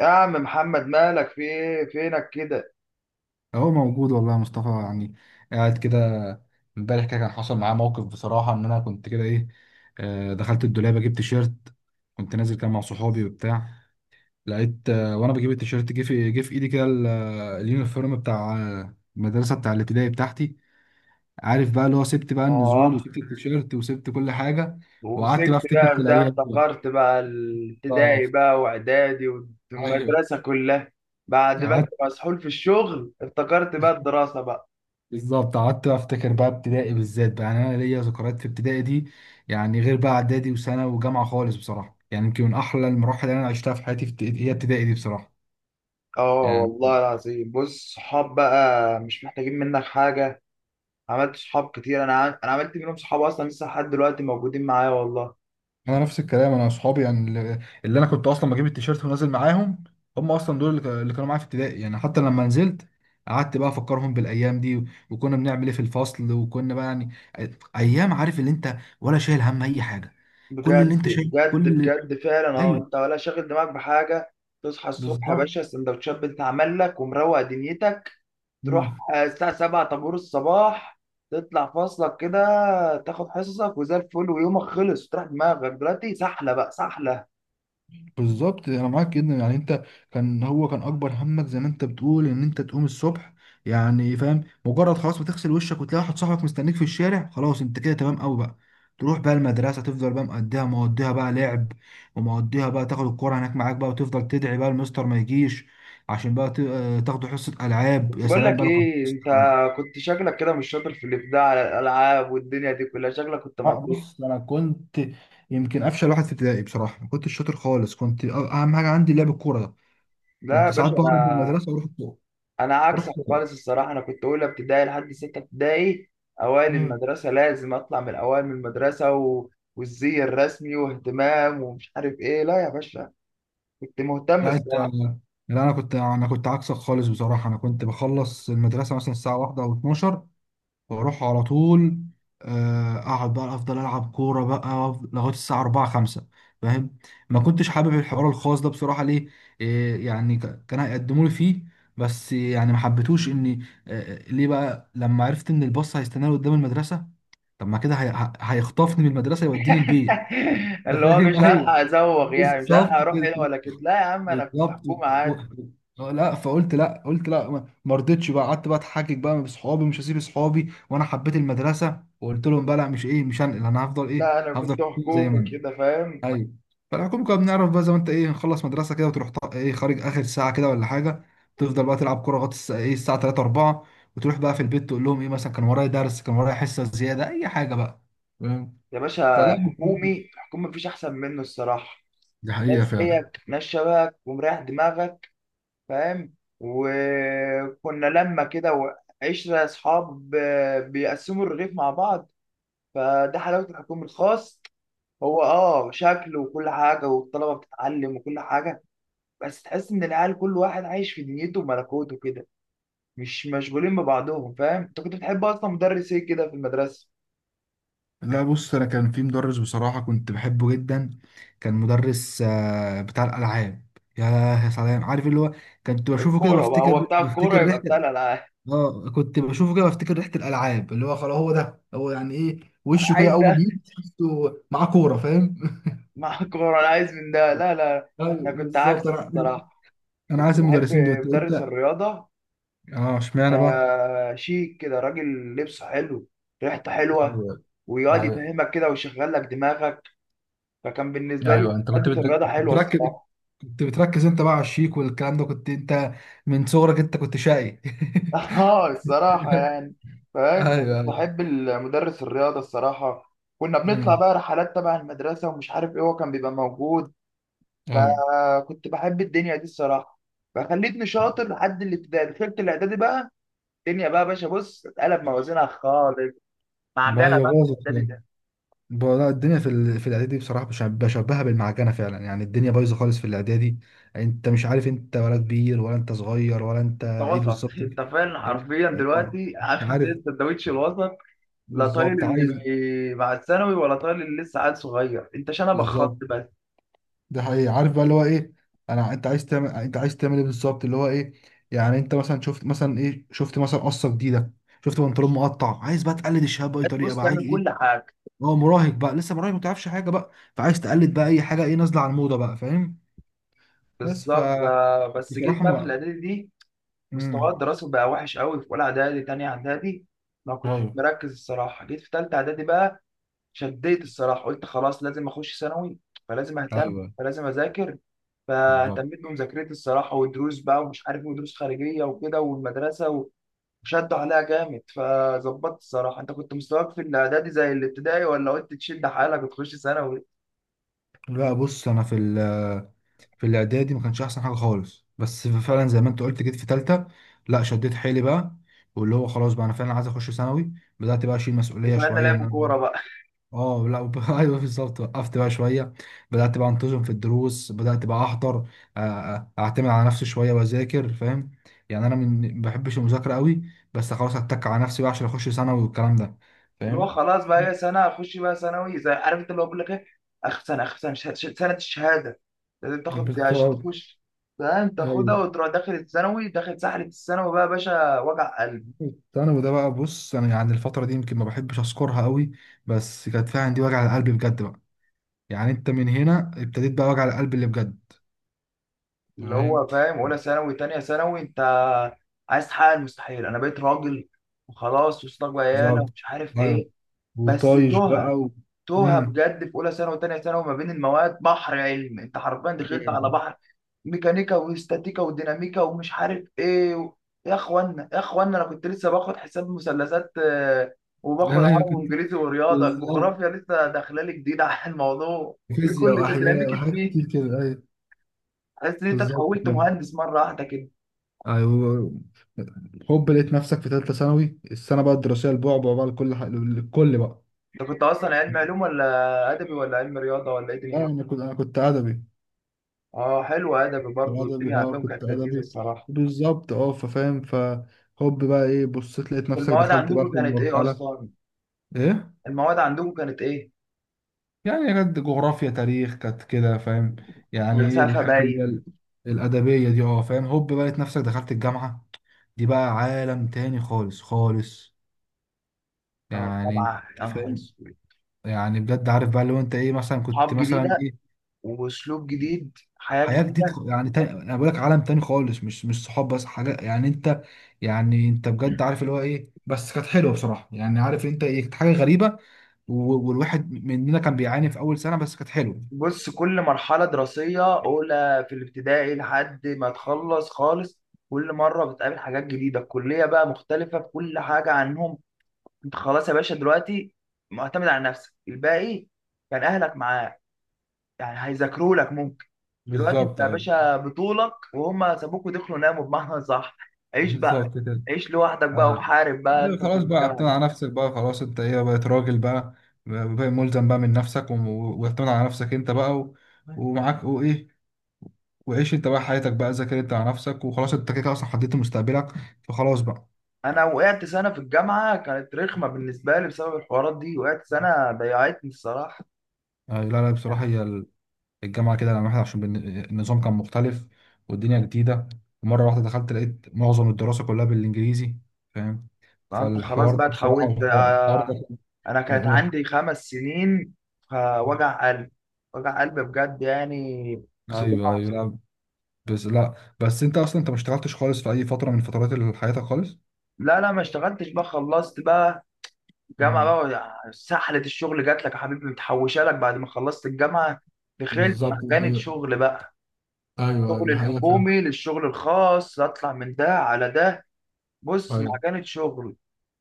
يا عم محمد، مالك؟ في ايه؟ فينك كده؟ هو موجود والله يا مصطفى، قاعد كده. امبارح كده كان حصل معاه موقف بصراحة، ان انا كنت كده ايه، دخلت الدولاب اجيب تيشيرت. كنت نازل كده مع صحابي وبتاع، لقيت وانا بجيب التيشيرت جه في ايدي كده اليونيفورم بتاع المدرسة بتاع الابتدائي بتاعتي. عارف بقى اللي هو سبت بقى النزول اه. وسبت التيشيرت وسبت كل حاجة، وقعدت بقى ومسكت افتكر بقى في في ده، الايام دي بقى. افتكرت بقى الابتدائي بالظبط، بقى واعدادي ايوه. والمدرسة كلها. بعد ما انت قعدت، مسحول في الشغل افتكرت بقى الدراسة بقى. بالظبط قعدت افتكر بقى ابتدائي بالذات بقى، يعني انا ليا ذكريات في ابتدائي دي. يعني غير بقى اعدادي وسنه وجامعه خالص بصراحه، يعني يمكن من احلى المراحل اللي انا عشتها في حياتي هي ابتدائي دي بصراحه. اه يعني والله العظيم، بص، صحاب بقى مش محتاجين منك حاجة. عملت صحاب كتير، انا عملت منهم صحاب اصلا لسه لحد دلوقتي موجودين معايا والله. انا نفس الكلام، انا اصحابي يعني اللي انا كنت اصلا بجيب التيشيرت ونازل معاهم، هم اصلا دول اللي كانوا معايا في ابتدائي. يعني حتى لما نزلت قعدت بقى افكرهم بالايام دي وكنا بنعمل ايه في الفصل، وكنا بقى يعني أي- ايام. عارف اللي انت ولا شايل هم اي حاجه، كل اللي بجد انت شايل كل بجد اللي، بجد فعلا، اه ايوه، انت ولا شاغل دماغك بحاجة. تصحى الصبح يا بالظبط. باشا، السندوتشات بتتعمل لك ومروق دنيتك. تروح مم. الساعة 7 طابور الصباح، تطلع فاصلك كده، تاخد حصصك وزي الفل، ويومك خلص. تروح دماغك دلوقتي سحلة بقى سحلة. بالظبط انا معاك جدا، يعني انت كان، هو كان اكبر همك زي ما انت بتقول، ان انت تقوم الصبح. يعني فاهم، مجرد خلاص ما تغسل وشك وتلاقي واحد صاحبك مستنيك في الشارع، خلاص انت كده تمام قوي بقى. تروح بقى المدرسه، تفضل بقى مقضيها، مقضيها بقى لعب، ومقضيها بقى تاخد الكوره هناك معاك بقى، وتفضل تدعي بقى المستر ما يجيش عشان بقى تاخدوا حصه العاب. بس يا بقول سلام لك بقى لو كان في ايه، حصه انت ألعاب. كنت شكلك كده مش شاطر في الابداع على الالعاب والدنيا دي كلها، شكلك كنت مطيح. بص انا كنت يمكن افشل واحد في ابتدائي بصراحه، ما كنتش شاطر خالص. اهم حاجه عندي لعب الكوره ده. لا يا كنت ساعات باشا، بهرب من انا المدرسه واروح الكوره. انا عكسك رحت. خالص الصراحة. انا كنت اولى ابتدائي لحد ستة ابتدائي اوائل مم. المدرسة، لازم اطلع من الاوائل من المدرسة والزي الرسمي واهتمام ومش عارف ايه. لا يا باشا، كنت مهتم. لا انت، لا. انا كنت عكسك خالص بصراحه. انا كنت بخلص المدرسه مثلا الساعه واحدة او 12، واروح على طول. اقعد بقى افضل العب كوره بقى لغايه الساعه 4 5. فاهم، ما كنتش حابب الحوار الخاص ده بصراحه. ليه؟ إيه يعني، كان هيقدموا لي فيه. بس يعني ما حبيتوش اني، ليه بقى؟ لما عرفت ان الباص هيستناني قدام المدرسه، طب ما كده هيخطفني من المدرسه يوديني البيت. انت اللي هو فاهم؟ مش هلحق ايوه، ازوغ يعني، مش هلحق بالظبط اروح كده. هنا ولا كده. لا يا عم، انا كنت بالظبط حكومه عادي. لا، فقلت لا، قلت لا. ما رضيتش بقى، قعدت بقى اتحجج بقى بصحابي، مش هسيب صحابي، وانا حبيت المدرسه، وقلت لهم بقى لا، مش ايه، مش هنقل، انا هفضل ايه، لا انا كنت هفضل زي ما حكومي انا. كده، فاهم؟ ايوه، فالحكومه كنا بنعرف بقى زي ما انت ايه، نخلص مدرسه كده وتروح ايه خارج اخر ساعه كده ولا حاجه، تفضل بقى تلعب كوره لغايه ايه الساعه 3 4، وتروح بقى في البيت تقول لهم ايه، مثلا كان ورايا درس، كان ورايا حصه زياده، اي حاجه بقى. فاهم؟ يا باشا فلا، الحكومي، الحكومي مفيش احسن منه الصراحه. دي حقيقه ناس فعلا. زيك، ناس شبهك، ومريح دماغك، فاهم؟ وكنا لما كده وعشرة اصحاب، بيقسموا الرغيف مع بعض. فده حلاوه الحكومي، الخاص هو اه شكل وكل حاجه والطلبه بتتعلم وكل حاجه، بس تحس ان العيال كل واحد عايش في دنيته وملكوته كده، مش مشغولين ببعضهم. فاهم؟ انت كنت بتحب اصلا مدرس ايه كده في المدرسه؟ لا بص، انا كان في مدرس بصراحه كنت بحبه جدا. كان مدرس بتاع الالعاب. يا يا سلام، عارف اللي هو، كنت بشوفه كده الكوره بقى، بفتكر، هو بتاع الكوره يبقى ريحه. بتاع الالعاب. اه، كنت بشوفه كده بفتكر ريحه الالعاب، اللي هو خلاص هو ده هو، يعني ايه، انا وشه كده عايز اول ما ده. بيجي تحسه معاه كوره. فاهم؟ مع الكوره انا عايز من ده. لا لا، انا ايوه، كنت بالظبط. عكسك انا، الصراحه. انا كنت عايز بحب المدرسين دول مدرس انت. الرياضه. اه، اشمعنى بقى؟ شيك كده، راجل لبسه حلو، ريحته حلوه، أيوة. ويقعد يفهمك كده ويشغل لك دماغك. فكان بالنسبه لي ايوه، انت كنت ماده الرياضه حلوه بتركز، الصراحه. كنت بتركز انت بقى على الشيك والكلام ده. كنت انت من صغرك انت كنت شقي. اه الصراحة يعني. فاهم؟ فكنت ايوه، ايوه. بحب المدرس الرياضة الصراحة. كنا بنطلع مم. بقى رحلات تبع المدرسة ومش عارف ايه، هو كان بيبقى موجود. ايوه، فكنت بحب الدنيا دي الصراحة. فخليتني شاطر لحد الابتدائي. دخلت الإعدادي بقى، الدنيا بقى يا باشا، بص اتقلب موازينها خالص. ما هي معجنة بقى في باظت الإعدادي يعني. ده. لا، الدنيا في الاعدادي بصراحه، بشبهها بالمعجنه فعلا. يعني الدنيا بايظه خالص في الاعدادي، انت مش عارف انت ولا كبير ولا انت صغير ولا انت انت ايه وسط. بالظبط. انت فعلا انت- حرفيا اه، دلوقتي مش عامل عارف. زي السندوتش الوسط. لا طايل بالظبط عايز، مع الثانوي، ولا طايل اللي لسه عيل صغير، انت شنبك خط بالظبط. بس. ده حقيقي. عارف بقى اللي هو ايه، انت عايز تعمل، انت عايز تعمل ايه بالظبط، اللي هو ايه؟ يعني انت مثلا شفت مثلا ايه، شفت مثلا قصه جديده، شفت بنطلون مقطع، عايز بقى تقلد الشباب باي طريقه بص بقى، عايز تعمل كل ايه. حاجة. هو مراهق بقى، لسه مراهق، ما تعرفش حاجه بقى، فعايز تقلد بقى اي حاجه ايه نازله على الموضه بقى. فاهم؟ بس ف بس جيت بصراحه، بقى في ما، الاعدادي دي، مستواي امم الدراسي بقى وحش قوي في اولى اعدادي تانية اعدادي. ما كنتش ايوه، مركز الصراحه. جيت في تالتة اعدادي بقى، شديت الصراحه، قلت خلاص لازم اخش ثانوي، فلازم اهتم، ايوه، فلازم اذاكر. بالظبط. فاهتميت بمذاكرتي الصراحه، ودروس بقى ومش عارف ودروس خارجيه وكده والمدرسه وشدوا عليها جامد، فظبطت الصراحه. انت كنت مستواك في الاعدادي زي الابتدائي، ولا قلت تشد حالك وتخش ثانوي؟ لا بص، انا في الاعدادي ما كانش احسن حاجه خالص، بس فعلا زي ما انت قلت، جيت في تالتة، لا شديت حيلي بقى. واللي هو خلاص بقى، انا فعلا عايز اخش ثانوي. بدات بقى اشيل مسؤوليه وفعلنا شويه ان لعب انا كوره بقى. اه لا ايوه بالظبط، وقفت بقى شويه. بدات بقى انتظم في الدروس، بدات بقى احضر، اعتمد على نفسي شويه واذاكر. فاهم؟ يعني انا من، ما بحبش المذاكره قوي، بس خلاص اتك على نفسي بقى عشان اخش ثانوي والكلام ده. اللي هو فاهم؟ خلاص بقى هي سنه اخش بقى ثانوي، زي عارف انت اللي هو بيقول لك ايه، اخر سنه، اخر سنه سنه الشهاده، لازم تاخد عشان بالظبط، تخش، فاهم؟ تاخدها ايوه. وتروح داخل الثانوي، داخل سحله الثانوي بقى يا باشا، وجع قلب. الثانوي ده بقى، بص انا يعني الفتره دي يمكن ما بحبش اذكرها قوي، بس كانت فيها عندي وجع القلب بجد بقى. يعني انت من هنا ابتديت بقى وجع القلب اللي بجد. اللي فاهم؟ هو فاهم اولى ثانوي تانية ثانوي، انت عايز تحقق المستحيل، انا بقيت راجل وخلاص، وصلت بقى عيالة بالظبط، ومش عارف ايوه، ايه، بس وطايش بقى تهت، و... توها امم بجد في اولى ثانوي وثانيه ثانوي. ما بين المواد بحر علم، انت حرفيا دخلت على بحر، ميكانيكا واستاتيكا وديناميكا ومش عارف ايه يا اخوانا، يا اخوانا انا كنت لسه باخد حساب مثلثات، وباخد ايوه، عربي كنت، وانجليزي ورياضه، بالظبط، الجغرافيا لسه داخله لي جديده على الموضوع. إيه فيزياء كل ده؟ واحياء ديناميكا وحاجات مين؟ كتير كده، ايوه، حاسس ان انت بالظبط، اتحولت فاهم. مهندس مره واحده كده. ايوه، هوب لقيت نفسك في ثالثه ثانوي، السنه بقى الدراسيه البعبع بقى، لكل لكل بقى. انت كنت اصلا علم علوم ولا ادبي ولا علم رياضه ولا ايه لا، دنيتك؟ انا كنت ادبي. اه حلو، ادبي برضه الدنيا الأدبي، اه عندهم كنت كانت لذيذه أدبي، الصراحه. بالظبط. اه، ففاهم، فهوب بقى ايه، بصيت لقيت نفسك المواد دخلت بقى عندكم في كانت ايه المرحلة. اصلا؟ ايه، المواد عندكم كانت ايه؟ يعني كانت جغرافيا، تاريخ، كانت كده. فاهم؟ مم. يعني ايه فلسفه الحاجات اللي هي باين. الأدبية دي، اه، فاهم. هوب بقى لقيت نفسك دخلت الجامعة. دي بقى عالم تاني خالص خالص. او يعني انت طبعا، يا نهار فاهم، اسود. يعني بجد عارف بقى لو انت ايه، مثلا كنت صحاب مثلا جديده واسلوب جديد، حياه حياة جديد، جديده. يعني تاني، انا بقول لك عالم تاني خالص. مش، مش صحاب بس حاجة يعني انت، يعني انت بجد مم. عارف اللي هو ايه. بس كانت حلوة بصراحة، يعني عارف انت، ايه، كانت حاجة غريبة. والواحد مننا كان بيعاني في اول سنة، بس كانت حلوة. بص، كل مرحله دراسيه اولى في الابتدائي لحد ما تخلص خالص، كل مره بتقابل حاجات جديده. الكليه بقى مختلفه في كل حاجه عنهم. انت خلاص يا باشا دلوقتي معتمد على نفسك الباقي. كان اهلك معاك، يعني هيذاكروا لك ممكن. دلوقتي انت بالظبط، يا ايوه، باشا بطولك، وهم سابوك ودخلوا ناموا بمعنى صح. عيش بقى، بالظبط كده، عيش لوحدك بقى، ايوه، وحارب بقى ايوه، انت في خلاص بقى. الجامعه اعتمد دي. على نفسك بقى خلاص، انت ايه، بقيت راجل بقى، بقى ملزم بقى من نفسك واعتمد على نفسك انت بقى و... ومعاك، وايه، وعيش انت بقى حياتك بقى، ذاكر انت على نفسك، وخلاص انت كده كده اصلا حددت مستقبلك، فخلاص بقى. انا وقعت سنه في الجامعه، كانت رخمه بالنسبه لي بسبب الحوارات دي. وقعت سنه، ضيعتني الصراحه. أيوة، لا لا، بصراحة هي الجامعة كده لما واحد، عشان النظام كان مختلف، والدنيا جديدة، ومرة واحدة دخلت لقيت معظم الدراسة كلها بالإنجليزي. فاهم؟ فانت خلاص فالحوار بقى ده بصراحة، اتحولت. الحوار ده، انا كانت عندي خمس سنين، فوجع قلب، وجع قلب بجد يعني، أيوه صداع. أيوه، لا بس، لا بس، أنت أصلا أنت ما اشتغلتش خالص في أي فترة من فترات حياتك خالص؟ لا لا، ما اشتغلتش بقى. خلصت بقى جامعة مم. بقى، سحلة الشغل جات لك يا حبيبي، متحوشة لك بعد ما خلصت الجامعة، دخلت بالظبط، دي مكانة حقيقة. شغل بقى. ايوه ايوه، الشغل دي حقيقة فعلا. الحكومي للشغل الخاص، اطلع من ده على ده. بص ايوه، مكانة شغل.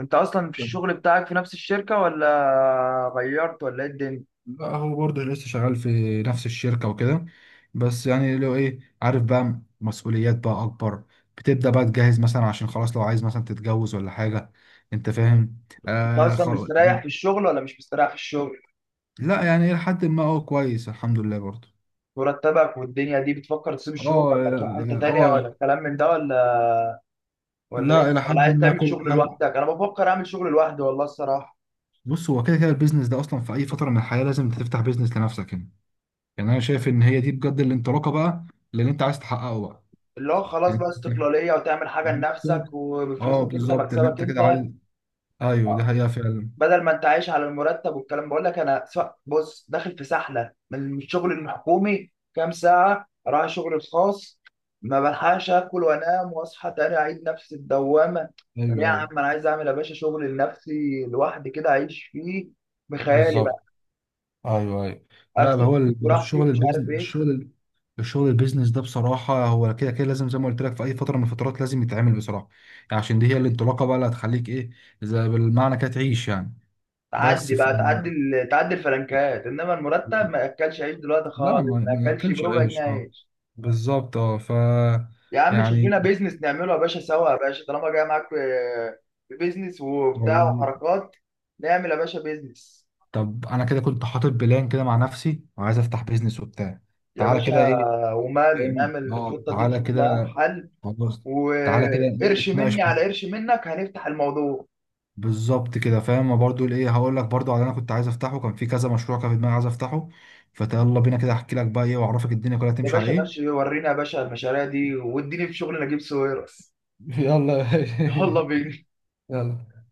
انت اصلا في الشغل بتاعك في نفس الشركة، ولا غيرت، ولا ايه الدنيا؟ لا هو برضه لسه شغال في نفس الشركة وكده، بس يعني لو ايه، عارف بقى مسؤوليات بقى أكبر، بتبدأ بقى تجهز مثلا، عشان خلاص لو عايز مثلا تتجوز ولا حاجة. أنت فاهم؟ انت آه، اصلا خلاص مستريح يعني. في الشغل، ولا مش مستريح في الشغل؟ لا يعني إلى حد ما هو كويس، الحمد لله، برضه. مرتبك، والدنيا دي بتفكر تسيب اه الشغل، ولا تروح حتة اه، تانية، ولا الكلام من ده، ولا ولا لا، ايه، إلى ولا حد عايز ما تعمل كل شغل حاجة. لوحدك؟ انا بفكر اعمل شغل لوحدي والله الصراحة. بص، هو كده كده البيزنس ده أصلا في أي فترة من الحياة لازم تفتح بيزنس لنفسك. يعني، يعني أنا شايف إن هي دي بجد الانطلاقة بقى للي أنت عايز تحققه بقى. اللي هو خلاص يعني بقى استقلالية، وتعمل حاجة لنفسك بالظبط. اه وبفلوسك انت، بالظبط اللي مكسبك انت انت. كده عايز، ايوه دي حقيقة فعلا. بدل ما انت عايش على المرتب والكلام. بقول لك انا سواء بص داخل في سحلة من الشغل الحكومي، كام ساعة اروح الشغل الخاص، ما بلحقش اكل وانام، واصحى تاني اعيد نفس الدوامة. طب يا ايوه عم ايوه، انا عايز اعمل يا باشا شغل لنفسي لوحدي كده، اعيش فيه بخيالي بالظبط، بقى، ايوه ايوه. لا اكتب هو فيه ال- براحتي الشغل ومش عارف البيزنس ايه. الشغل الشغل البيزنس ده بصراحة، هو كده كده لازم زي ما قلت لك في أي فترة من الفترات لازم يتعمل بصراحة. يعني عشان دي هي الانطلاقة بقى اللي هتخليك إيه، زي بالمعنى كده تعيش يعني. بس تعدي ف... بقى، تعدي الفلنكات، انما المرتب ما ياكلش عيش دلوقتي لا ما خالص، ما ما ياكلش ناكلش بربع جنيه عيش، اه، عيش. بالظبط، اه ف، يا عم شوف يعني. لنا بيزنس نعمله يا باشا سوا، يا باشا طالما جاي معاك في في بيزنس وبتاع وحركات، نعمل يا باشا بيزنس. طب انا كده كنت حاطط بلان كده مع نفسي وعايز افتح بيزنس وبتاع. يا تعالى باشا كده ايه، ومال، فاهم، نعمل اه الخطه دي تعالى نشوف كده. لها حل. خلاص، تعالى كده إيه، وقرش نتناقش مني على فيه. قرش منك هنفتح الموضوع. بالظبط كده، فاهم. ما برضو ايه، هقول لك برضو على اللي انا كنت عايز افتحه، كان في كذا مشروع كان في دماغي عايز افتحه. فيلا بينا كده احكي لك بقى ايه، واعرفك الدنيا كلها يا تمشي على باشا ايه. ماشي، ورينا يا باشا المشاريع دي، واديني في شغل نجيب ساويرس. يلا يا باشا. يلا بينا. يلا